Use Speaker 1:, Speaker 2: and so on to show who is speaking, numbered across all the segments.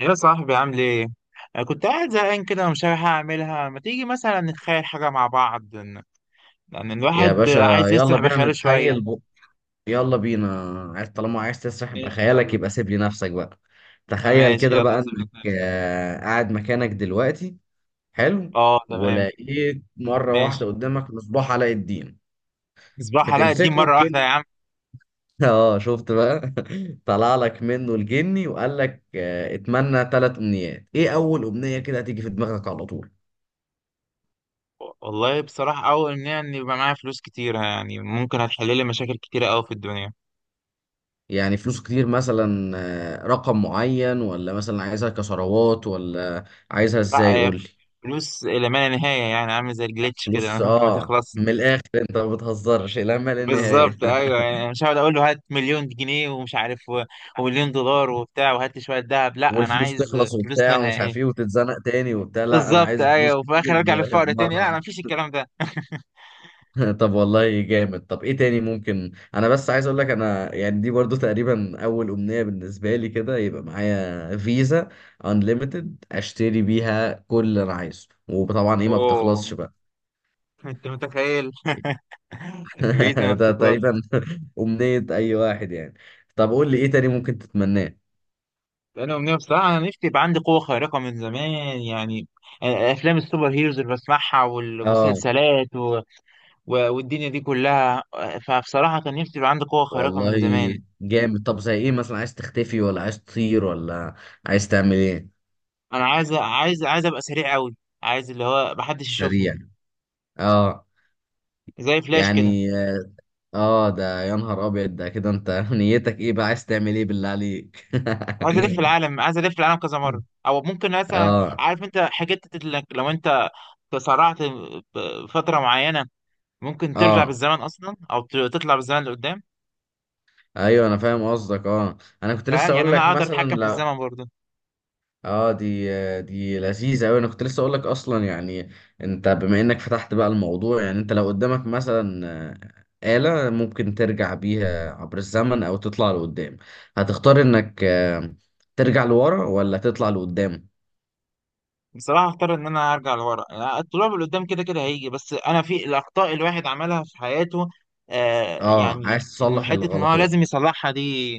Speaker 1: يا صاحبي عامل ايه؟ أنا كنت قاعد زهقان كده ومش عارف أعملها، ما تيجي مثلا نتخيل حاجة مع بعض، لأن
Speaker 2: يا
Speaker 1: الواحد
Speaker 2: باشا،
Speaker 1: عايز
Speaker 2: يلا
Speaker 1: يسرح
Speaker 2: بينا
Speaker 1: بخياله شوية.
Speaker 2: نتخيل يلا بينا. عايز طالما عايز تسرح
Speaker 1: ماشي
Speaker 2: بخيالك
Speaker 1: يلا.
Speaker 2: يبقى سيب لي نفسك بقى. تخيل
Speaker 1: ماشي
Speaker 2: كده
Speaker 1: يلا،
Speaker 2: بقى
Speaker 1: هسيب
Speaker 2: انك
Speaker 1: لك نفسي.
Speaker 2: قاعد مكانك دلوقتي، حلو.
Speaker 1: اه تمام.
Speaker 2: ولقيت مرة واحدة
Speaker 1: ماشي.
Speaker 2: قدامك مصباح علاء الدين
Speaker 1: مصباح علاء الدين
Speaker 2: بتمسكه
Speaker 1: مرة واحدة يا
Speaker 2: الجني.
Speaker 1: عم.
Speaker 2: اه، شفت بقى. طلع لك منه الجني وقال لك اتمنى 3 امنيات. ايه اول امنية كده هتيجي في دماغك على طول؟
Speaker 1: والله بصراحة أول إن يعني يبقى معايا فلوس كتير، يعني ممكن هتحل لي مشاكل كتيرة أوي في الدنيا.
Speaker 2: يعني فلوس كتير مثلا، رقم معين ولا مثلا عايزها كثروات ولا عايزها ازاي،
Speaker 1: لا
Speaker 2: قول لي.
Speaker 1: فلوس إلى ما لا نهاية، يعني عامل زي الجليتش كده
Speaker 2: فلوس،
Speaker 1: ما
Speaker 2: اه،
Speaker 1: تخلصش.
Speaker 2: من الاخر انت ما بتهزرش، لا ما لا نهايه.
Speaker 1: بالظبط ايوه، يعني أنا مش هقعد اقول له هات مليون جنيه ومش عارف ومليون دولار وبتاع وهات لي شويه ذهب، لا انا
Speaker 2: والفلوس
Speaker 1: عايز
Speaker 2: تخلص
Speaker 1: فلوس
Speaker 2: وبتاع
Speaker 1: لها
Speaker 2: ومش عارف ايه
Speaker 1: ايه.
Speaker 2: وتتزنق تاني وبتاع، لا انا
Speaker 1: بالظبط
Speaker 2: عايز فلوس
Speaker 1: ايوه، وفي
Speaker 2: كتير.
Speaker 1: الاخر ارجع للفقر تاني،
Speaker 2: مره
Speaker 1: لا انا
Speaker 2: واحدة.
Speaker 1: مفيش الكلام ده.
Speaker 2: طب والله جامد. طب ايه تاني ممكن؟ انا بس عايز اقول لك، انا يعني دي برضو تقريبا اول امنيه بالنسبه لي كده، يبقى معايا فيزا انليمتد اشتري بيها كل اللي انا عايزه، وطبعا ايه، ما
Speaker 1: اوه،
Speaker 2: بتخلصش بقى.
Speaker 1: انت متخيل الفيزا ما
Speaker 2: ده
Speaker 1: بتخلص.
Speaker 2: تقريبا أمنية أي واحد يعني. طب قول لي إيه تاني ممكن تتمناه؟
Speaker 1: انا امنيه بصراحه، انا نفسي يبقى عندي قوه خارقه من زمان. يعني افلام السوبر هيروز اللي بسمعها
Speaker 2: آه
Speaker 1: والمسلسلات والدنيا دي كلها، فبصراحه كان نفسي يبقى عندي قوه خارقه
Speaker 2: والله
Speaker 1: من زمان.
Speaker 2: جامد. طب زي إيه مثلا، عايز تختفي ولا عايز تطير ولا عايز تعمل إيه؟
Speaker 1: انا عايز عايز ابقى سريع قوي، عايز اللي هو محدش يشوفني،
Speaker 2: سريع، آه.
Speaker 1: زي فلاش كده.
Speaker 2: يعني آه، ده يا نهار أبيض، ده كده أنت نيتك إيه بقى، عايز تعمل إيه بالله عليك؟
Speaker 1: عايز الف العالم، عايز الف العالم كذا مره، او ممكن مثلا،
Speaker 2: اه.
Speaker 1: عارف انت حاجات، انك لو انت تسرعت فتره معينه ممكن ترجع
Speaker 2: اه
Speaker 1: بالزمن اصلا، او تطلع بالزمن لقدام.
Speaker 2: ايوه، انا فاهم قصدك، اه. انا كنت
Speaker 1: فاهم،
Speaker 2: لسه
Speaker 1: يعني
Speaker 2: اقول
Speaker 1: انا
Speaker 2: لك
Speaker 1: اقدر
Speaker 2: مثلا،
Speaker 1: اتحكم في الزمن برضه.
Speaker 2: اه. دي لذيذة أوي. أنا كنت لسه أقول لك أصلا يعني، أنت بما إنك فتحت بقى الموضوع، يعني أنت لو قدامك مثلا آلة ممكن ترجع بيها عبر الزمن أو تطلع لقدام، هتختار إنك ترجع لورا ولا تطلع لقدام؟
Speaker 1: بصراحه اختار ان انا ارجع لورا، يعني الطلوع لقدام كده كده هيجي، بس انا في الاخطاء الواحد عملها في حياته، آه،
Speaker 2: اه، عايز
Speaker 1: يعني انه
Speaker 2: تصلح
Speaker 1: حته ان هو
Speaker 2: الغلطات.
Speaker 1: لازم يصلحها دي.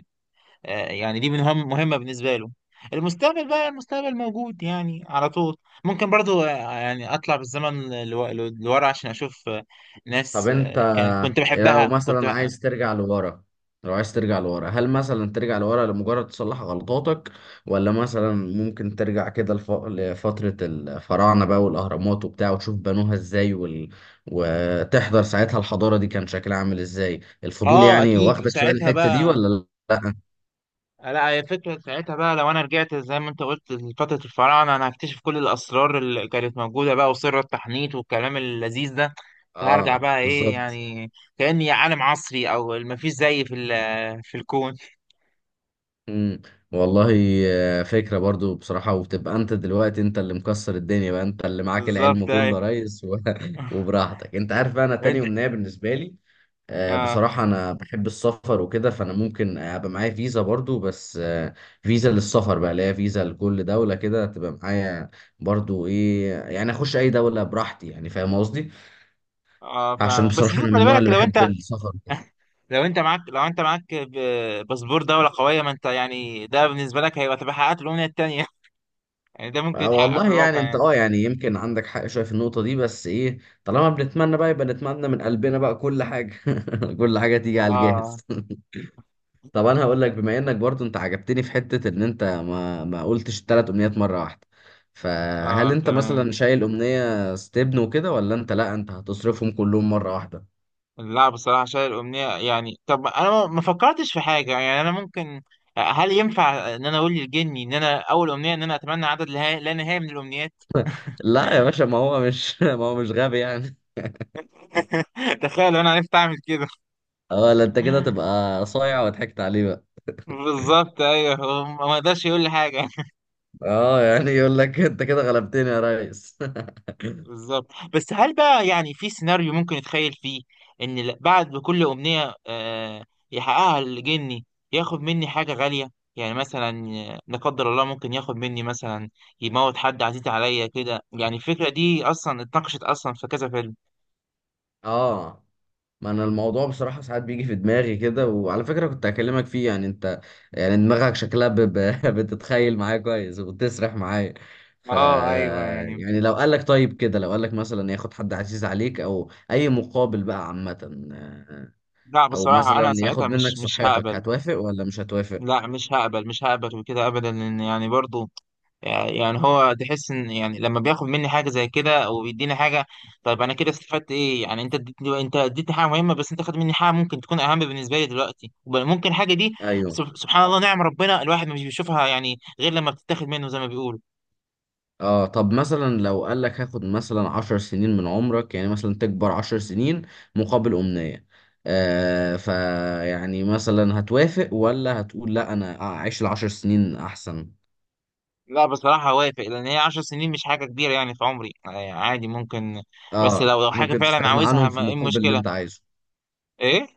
Speaker 1: يعني دي مهمة بالنسبة له. المستقبل بقى، المستقبل موجود يعني على طول. ممكن برضو، يعني أطلع بالزمن لورا عشان أشوف،
Speaker 2: طب
Speaker 1: ناس،
Speaker 2: انت
Speaker 1: كانت كنت
Speaker 2: إيه لو
Speaker 1: بحبها كنت
Speaker 2: مثلا
Speaker 1: بقى.
Speaker 2: عايز ترجع لورا، لو عايز ترجع لورا هل مثلا ترجع لورا لمجرد تصلح غلطاتك، ولا مثلا ممكن ترجع كده لفترة الفراعنة بقى والأهرامات وبتاع، وتشوف بنوها ازاي، وتحضر ساعتها الحضارة دي كان شكلها عامل ازاي، الفضول
Speaker 1: آه
Speaker 2: يعني
Speaker 1: أكيد،
Speaker 2: واخدك شوية
Speaker 1: وساعتها
Speaker 2: الحتة دي
Speaker 1: بقى،
Speaker 2: ولا؟ لا.
Speaker 1: لا هي فكرة ساعتها بقى، لو أنا رجعت زي ما أنت قلت لفترة الفراعنة أنا هكتشف كل الأسرار اللي كانت موجودة بقى، وسر التحنيط والكلام اللذيذ ده. فهرجع
Speaker 2: اه
Speaker 1: بقى إيه
Speaker 2: بالظبط.
Speaker 1: يعني، كأني عالم عصري أو مفيش زيي في في الكون
Speaker 2: امم، والله فكرة برضو بصراحة. وبتبقى انت دلوقتي انت اللي مكسر الدنيا بقى، انت اللي معاك العلم
Speaker 1: بالظبط
Speaker 2: كله
Speaker 1: أيوة.
Speaker 2: يا ريس و... وبراحتك. انت عارف بقى انا تاني
Speaker 1: انت
Speaker 2: امنية بالنسبة لي
Speaker 1: اه
Speaker 2: بصراحة انا بحب السفر وكده، فانا ممكن ابقى معايا فيزا برضو بس فيزا للسفر بقى، اللي هي فيزا لكل دولة كده تبقى معايا. برضو ايه يعني، اخش اي دولة براحتي، يعني فاهم قصدي؟
Speaker 1: اه
Speaker 2: عشان
Speaker 1: فاهمك، بس
Speaker 2: بصراحة انا
Speaker 1: شوف
Speaker 2: من
Speaker 1: خلي
Speaker 2: النوع
Speaker 1: بالك
Speaker 2: اللي
Speaker 1: لو
Speaker 2: بحب
Speaker 1: انت،
Speaker 2: السفر.
Speaker 1: لو انت معاك باسبور دولة قوية، ما انت يعني ده بالنسبة لك هيبقى، تبقى حققت الأمنية التانية يعني ده ممكن يتحقق في
Speaker 2: والله يعني
Speaker 1: الواقع
Speaker 2: انت
Speaker 1: يعني.
Speaker 2: اه، يعني يمكن عندك حق شويه في النقطه دي، بس ايه، طالما بنتمنى بقى، يبقى نتمنى من قلبنا بقى كل حاجه. كل حاجه تيجي على
Speaker 1: اه
Speaker 2: الجاهز. طب انا هقول لك، بما انك برضو انت عجبتني في حته ان انت ما قلتش الثلاث امنيات مره واحده،
Speaker 1: اه
Speaker 2: فهل انت
Speaker 1: تمام.
Speaker 2: مثلا شايل امنيه ستبن وكده، ولا انت لا انت هتصرفهم كلهم مره واحده؟
Speaker 1: لا بصراحة شايل الأمنية، يعني طب أنا ما فكرتش في حاجة، يعني يعني أنا ممكن، هل ينفع إن أنا أقول للجني إن أنا أول أمنية إن أنا أتمنى عدد لا نهائي من الأمنيات.
Speaker 2: لا يا باشا، ما هو مش ما هو مش غبي يعني.
Speaker 1: تخيل لو أنا عرفت أعمل كده.
Speaker 2: اه لا، انت كده تبقى صايع وضحكت عليه بقى.
Speaker 1: بالظبط أيوه، هو ما قدرش يقول لي حاجة.
Speaker 2: اه يعني يقول لك انت كده غلبتني يا ريس.
Speaker 1: بالظبط. بس هل بقى يعني في سيناريو ممكن يتخيل فيه، ان بعد كل امنية، يحققها الجني، ياخد مني حاجة غالية، يعني مثلا، لا قدر الله، ممكن ياخد مني مثلا، يموت حد عزيز عليا كده. يعني الفكرة دي اصلا اتناقشت اصلا في كذا فيلم.
Speaker 2: اه، ما انا الموضوع بصراحة ساعات بيجي في دماغي كده، وعلى فكرة كنت هكلمك فيه. يعني انت، يعني دماغك شكلها بتتخيل معايا كويس وبتسرح معايا. ف،
Speaker 1: اه ايوه يعني.
Speaker 2: يعني لو قالك طيب كده، لو قالك مثلا ياخد حد عزيز عليك او اي مقابل بقى عامة،
Speaker 1: لا
Speaker 2: او
Speaker 1: بصراحة انا
Speaker 2: مثلا
Speaker 1: ساعتها
Speaker 2: ياخد منك
Speaker 1: مش
Speaker 2: صحتك،
Speaker 1: هقبل.
Speaker 2: هتوافق ولا مش هتوافق؟
Speaker 1: لا مش هقبل، مش هقبل وكده ابدا، لان يعني برضو، يعني يعني هو تحس ان، يعني لما بياخد مني حاجه زي كده او بيديني حاجه، طيب انا كده استفدت ايه؟ يعني انت اديتني حاجه مهمه، بس انت خد مني حاجه ممكن تكون اهم بالنسبه لي دلوقتي ممكن الحاجه دي،
Speaker 2: ايوه.
Speaker 1: سبحان الله، نعم، ربنا الواحد مش بيشوفها يعني غير لما بتتاخد منه زي ما بيقولوا.
Speaker 2: اه، طب مثلا لو قال لك هاخد مثلا عشر سنين من عمرك، يعني مثلا تكبر 10 سنين مقابل أمنية، آه، فيعني مثلا هتوافق ولا هتقول لا انا اعيش ال10 سنين احسن؟
Speaker 1: لا بصراحه وافق، لان هي 10 سنين مش حاجه كبيره يعني في عمري، يعني عادي ممكن. بس
Speaker 2: اه
Speaker 1: لو حاجه
Speaker 2: ممكن
Speaker 1: فعلا
Speaker 2: تستغنى
Speaker 1: عاوزها
Speaker 2: عنهم في
Speaker 1: ما ايه
Speaker 2: المقابل اللي
Speaker 1: المشكله؟
Speaker 2: انت عايزه.
Speaker 1: ايه.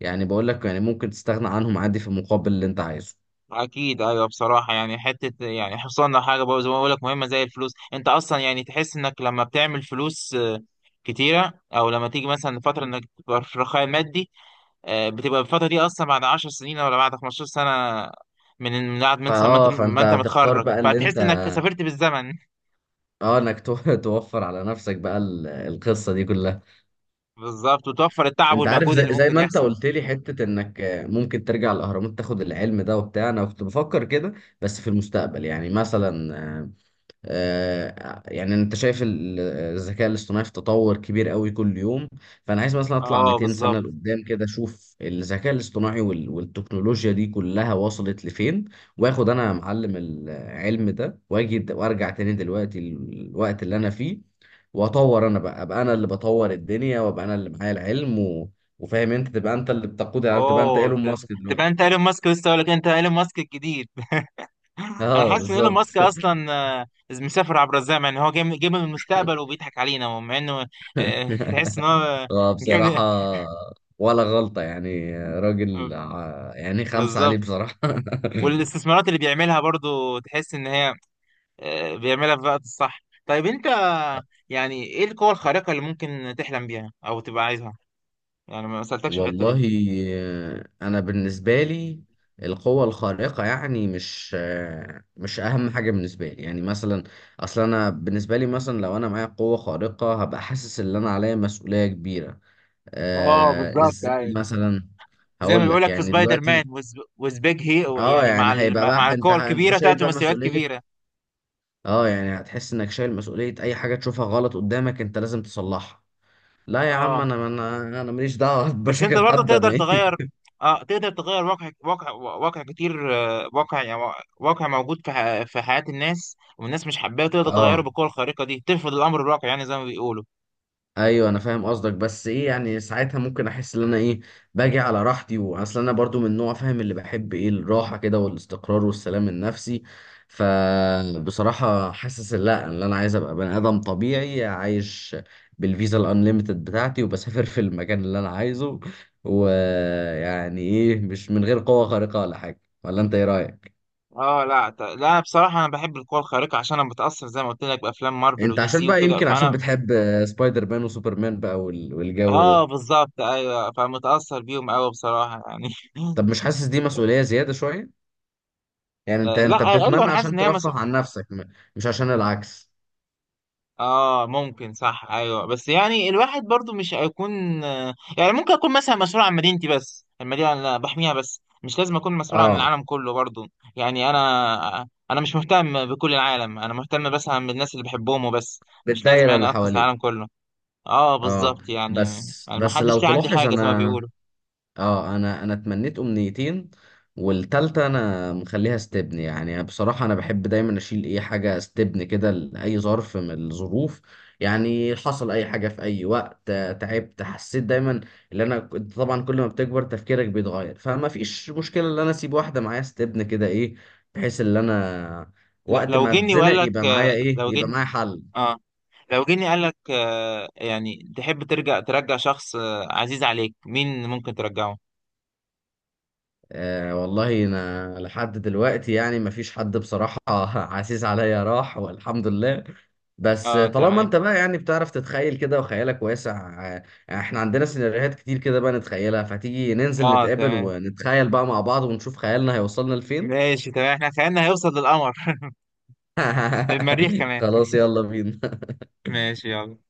Speaker 2: يعني بقول لك يعني ممكن تستغنى عنهم عادي في المقابل اللي انت عايزه.
Speaker 1: اكيد ايوه بصراحه، يعني حته يعني حصلنا حاجه بقى زي ما بقول لك مهمه زي الفلوس، انت اصلا يعني تحس انك لما بتعمل فلوس، كتيره، او لما تيجي مثلا فتره انك تبقى في رخاء مادي، بتبقى الفتره دي اصلا بعد 10 سنين ولا بعد 15 سنه، من بعد ما انت
Speaker 2: فاه، فانت هتختار
Speaker 1: متخرج،
Speaker 2: بقى اللي انت،
Speaker 1: فتحس انك سافرت بالزمن.
Speaker 2: اه، انك توفر على نفسك بقى القصة دي كلها.
Speaker 1: بالظبط، وتوفر التعب
Speaker 2: انت عارف
Speaker 1: والمجهود
Speaker 2: زي،
Speaker 1: اللي
Speaker 2: زي
Speaker 1: ممكن
Speaker 2: ما انت
Speaker 1: يحصل.
Speaker 2: قلت لي حتة انك ممكن ترجع الاهرامات تاخد العلم ده وبتاع، انا كنت بفكر كده بس في المستقبل. يعني مثلا يعني انت شايف الذكاء الاصطناعي في تطور كبير قوي كل يوم، فانا عايز مثلا اطلع
Speaker 1: اه
Speaker 2: 200 سنة
Speaker 1: بالظبط.
Speaker 2: لقدام كده اشوف الذكاء الاصطناعي والتكنولوجيا دي كلها وصلت لفين. واخد انا يا معلم العلم ده، واجي وارجع تاني دلوقتي الوقت اللي انا فيه. واطور انا بقى، ابقى انا اللي بطور الدنيا، وابقى انا اللي معايا العلم و... وفاهم، انت تبقى انت اللي بتقود، يعني تبقى انت
Speaker 1: اوه،
Speaker 2: ايلون ماسك
Speaker 1: تبقى
Speaker 2: دلوقتي.
Speaker 1: انت ايلون ماسك، لسه اقول لك انت ايلون ماسك الجديد. انا
Speaker 2: اه
Speaker 1: حاسس ان ايلون
Speaker 2: بالظبط.
Speaker 1: ماسك اصلا، آه، مسافر عبر الزمن، يعني هو جاي من المستقبل وبيضحك علينا، مع انه، تحس ان هو
Speaker 2: هو
Speaker 1: جاي
Speaker 2: بصراحة
Speaker 1: من،
Speaker 2: ولا غلطة يعني،
Speaker 1: آه،
Speaker 2: راجل يعني خمسة عليه
Speaker 1: بالظبط.
Speaker 2: بصراحة.
Speaker 1: والاستثمارات اللي بيعملها برضو تحس ان هي، بيعملها في الوقت الصح. طيب انت يعني ايه القوة الخارقة اللي ممكن تحلم بيها او تبقى عايزها؟ يعني ما سألتكش في الحتة
Speaker 2: والله
Speaker 1: دي.
Speaker 2: أنا بالنسبة لي القوة الخارقة يعني مش، مش أهم حاجة بالنسبة لي. يعني مثلا أصل أنا بالنسبة لي، مثلا لو أنا معايا قوة خارقة هبقى حاسس إن أنا عليا مسؤولية كبيرة.
Speaker 1: اه
Speaker 2: آه
Speaker 1: بالظبط
Speaker 2: إزاي
Speaker 1: ايوه.
Speaker 2: مثلا؟
Speaker 1: زي ما
Speaker 2: هقول لك
Speaker 1: بيقولك في
Speaker 2: يعني
Speaker 1: سبايدر مان،
Speaker 2: دلوقتي،
Speaker 1: وز وز بيج هي
Speaker 2: اه
Speaker 1: يعني، مع
Speaker 2: يعني هيبقى
Speaker 1: مع
Speaker 2: بقى انت
Speaker 1: القوة الكبيرة
Speaker 2: شايل
Speaker 1: تأتي
Speaker 2: بقى
Speaker 1: مسؤوليات
Speaker 2: مسؤولية.
Speaker 1: كبيرة.
Speaker 2: اه يعني هتحس انك شايل مسؤولية، اي حاجة تشوفها غلط قدامك انت لازم تصلحها. لا يا عم،
Speaker 1: اه
Speaker 2: انا ماليش دعوة
Speaker 1: بس انت
Speaker 2: بمشاكل
Speaker 1: برضه
Speaker 2: حد، انا
Speaker 1: تقدر
Speaker 2: ايه.
Speaker 1: تغير. اه تقدر تغير واقع، واقع كتير، واقع يعني، واقع موجود في في حياة الناس والناس مش حباه، تقدر تغيره
Speaker 2: اه
Speaker 1: بالقوة الخارقة دي، ترفض الأمر الواقع يعني زي ما بيقولوا.
Speaker 2: ايوه، انا فاهم قصدك، بس ايه يعني ساعتها ممكن احس ان انا ايه، باجي على راحتي. واصل انا برضو من نوع، فاهم، اللي بحب ايه الراحه كده والاستقرار والسلام النفسي. فبصراحه حاسس إن لا، ان انا عايز ابقى بني ادم طبيعي عايش بالفيزا الانليمتد بتاعتي، وبسافر في المكان اللي انا عايزه، ويعني ايه، مش من غير قوه خارقه ولا حاجه. ولا انت ايه رايك؟
Speaker 1: اه لا لا بصراحة أنا بحب القوة الخارقة عشان أنا متأثر زي ما قلت لك بأفلام مارفل
Speaker 2: انت
Speaker 1: ودي
Speaker 2: عشان
Speaker 1: سي
Speaker 2: بقى
Speaker 1: وكده
Speaker 2: يمكن عشان
Speaker 1: فأنا.
Speaker 2: بتحب سبايدر مان وسوبرمان بقى والجو
Speaker 1: اه
Speaker 2: ده.
Speaker 1: بالظبط ايوه، فمتأثر بيهم قوي بصراحة يعني.
Speaker 2: طب مش حاسس دي مسؤوليه زياده شويه؟ يعني انت
Speaker 1: آه لا ايوه
Speaker 2: بتتمنى
Speaker 1: انا حاسس
Speaker 2: عشان
Speaker 1: ان هي
Speaker 2: ترفه
Speaker 1: مسؤولية.
Speaker 2: عن نفسك، مش عشان العكس.
Speaker 1: اه ممكن صح ايوه، بس يعني الواحد برضو مش هيكون، يعني ممكن اكون مثلا مسؤول عن مدينتي بس، المدينه اللي أنا بحميها بس، مش لازم اكون مسؤول عن
Speaker 2: اه،
Speaker 1: العالم كله برضو. يعني انا مش مهتم بكل العالم، انا مهتم بس عن الناس اللي بحبهم وبس. مش لازم
Speaker 2: بالدايرة
Speaker 1: يعني
Speaker 2: اللي
Speaker 1: انقذ
Speaker 2: حواليك.
Speaker 1: العالم كله. اه
Speaker 2: اه،
Speaker 1: بالظبط يعني.
Speaker 2: بس
Speaker 1: يعني ما
Speaker 2: بس لو
Speaker 1: حدش ليه عندي
Speaker 2: تلاحظ
Speaker 1: حاجه زي ما
Speaker 2: انا،
Speaker 1: بيقولوا.
Speaker 2: اه انا اتمنيت امنيتين، والتالتة انا مخليها استبن. يعني بصراحة انا بحب دايما اشيل اي حاجة استبن كده لأي ظرف من الظروف. يعني حصل اي حاجة في اي وقت، تعبت، حسيت دايما ان انا طبعا كل ما بتكبر تفكيرك بيتغير، فما فيش مشكلة ان انا اسيب واحدة معايا استبن كده، ايه، بحيث ان انا وقت
Speaker 1: لو
Speaker 2: ما
Speaker 1: جني وقال
Speaker 2: اتزنق
Speaker 1: لك،
Speaker 2: يبقى معايا ايه،
Speaker 1: لو
Speaker 2: يبقى
Speaker 1: جني.
Speaker 2: معايا حل.
Speaker 1: اه لو جني قال لك، يعني تحب ترجع، ترجع شخص، عزيز عليك، مين ممكن ترجعه؟
Speaker 2: آه والله انا لحد دلوقتي يعني مفيش حد بصراحة عزيز عليا راح والحمد لله. بس
Speaker 1: اه
Speaker 2: طالما
Speaker 1: تمام.
Speaker 2: انت بقى يعني بتعرف تتخيل كده وخيالك واسع، آه، احنا عندنا سيناريوهات كتير كده بقى نتخيلها، فتيجي ننزل
Speaker 1: اه
Speaker 2: نتقابل
Speaker 1: تمام،
Speaker 2: ونتخيل بقى مع بعض ونشوف خيالنا هيوصلنا لفين.
Speaker 1: ماشي تمام، احنا خيالنا هيوصل للقمر، المريخ كمان.
Speaker 2: خلاص يلا بينا.
Speaker 1: ماشي يلا.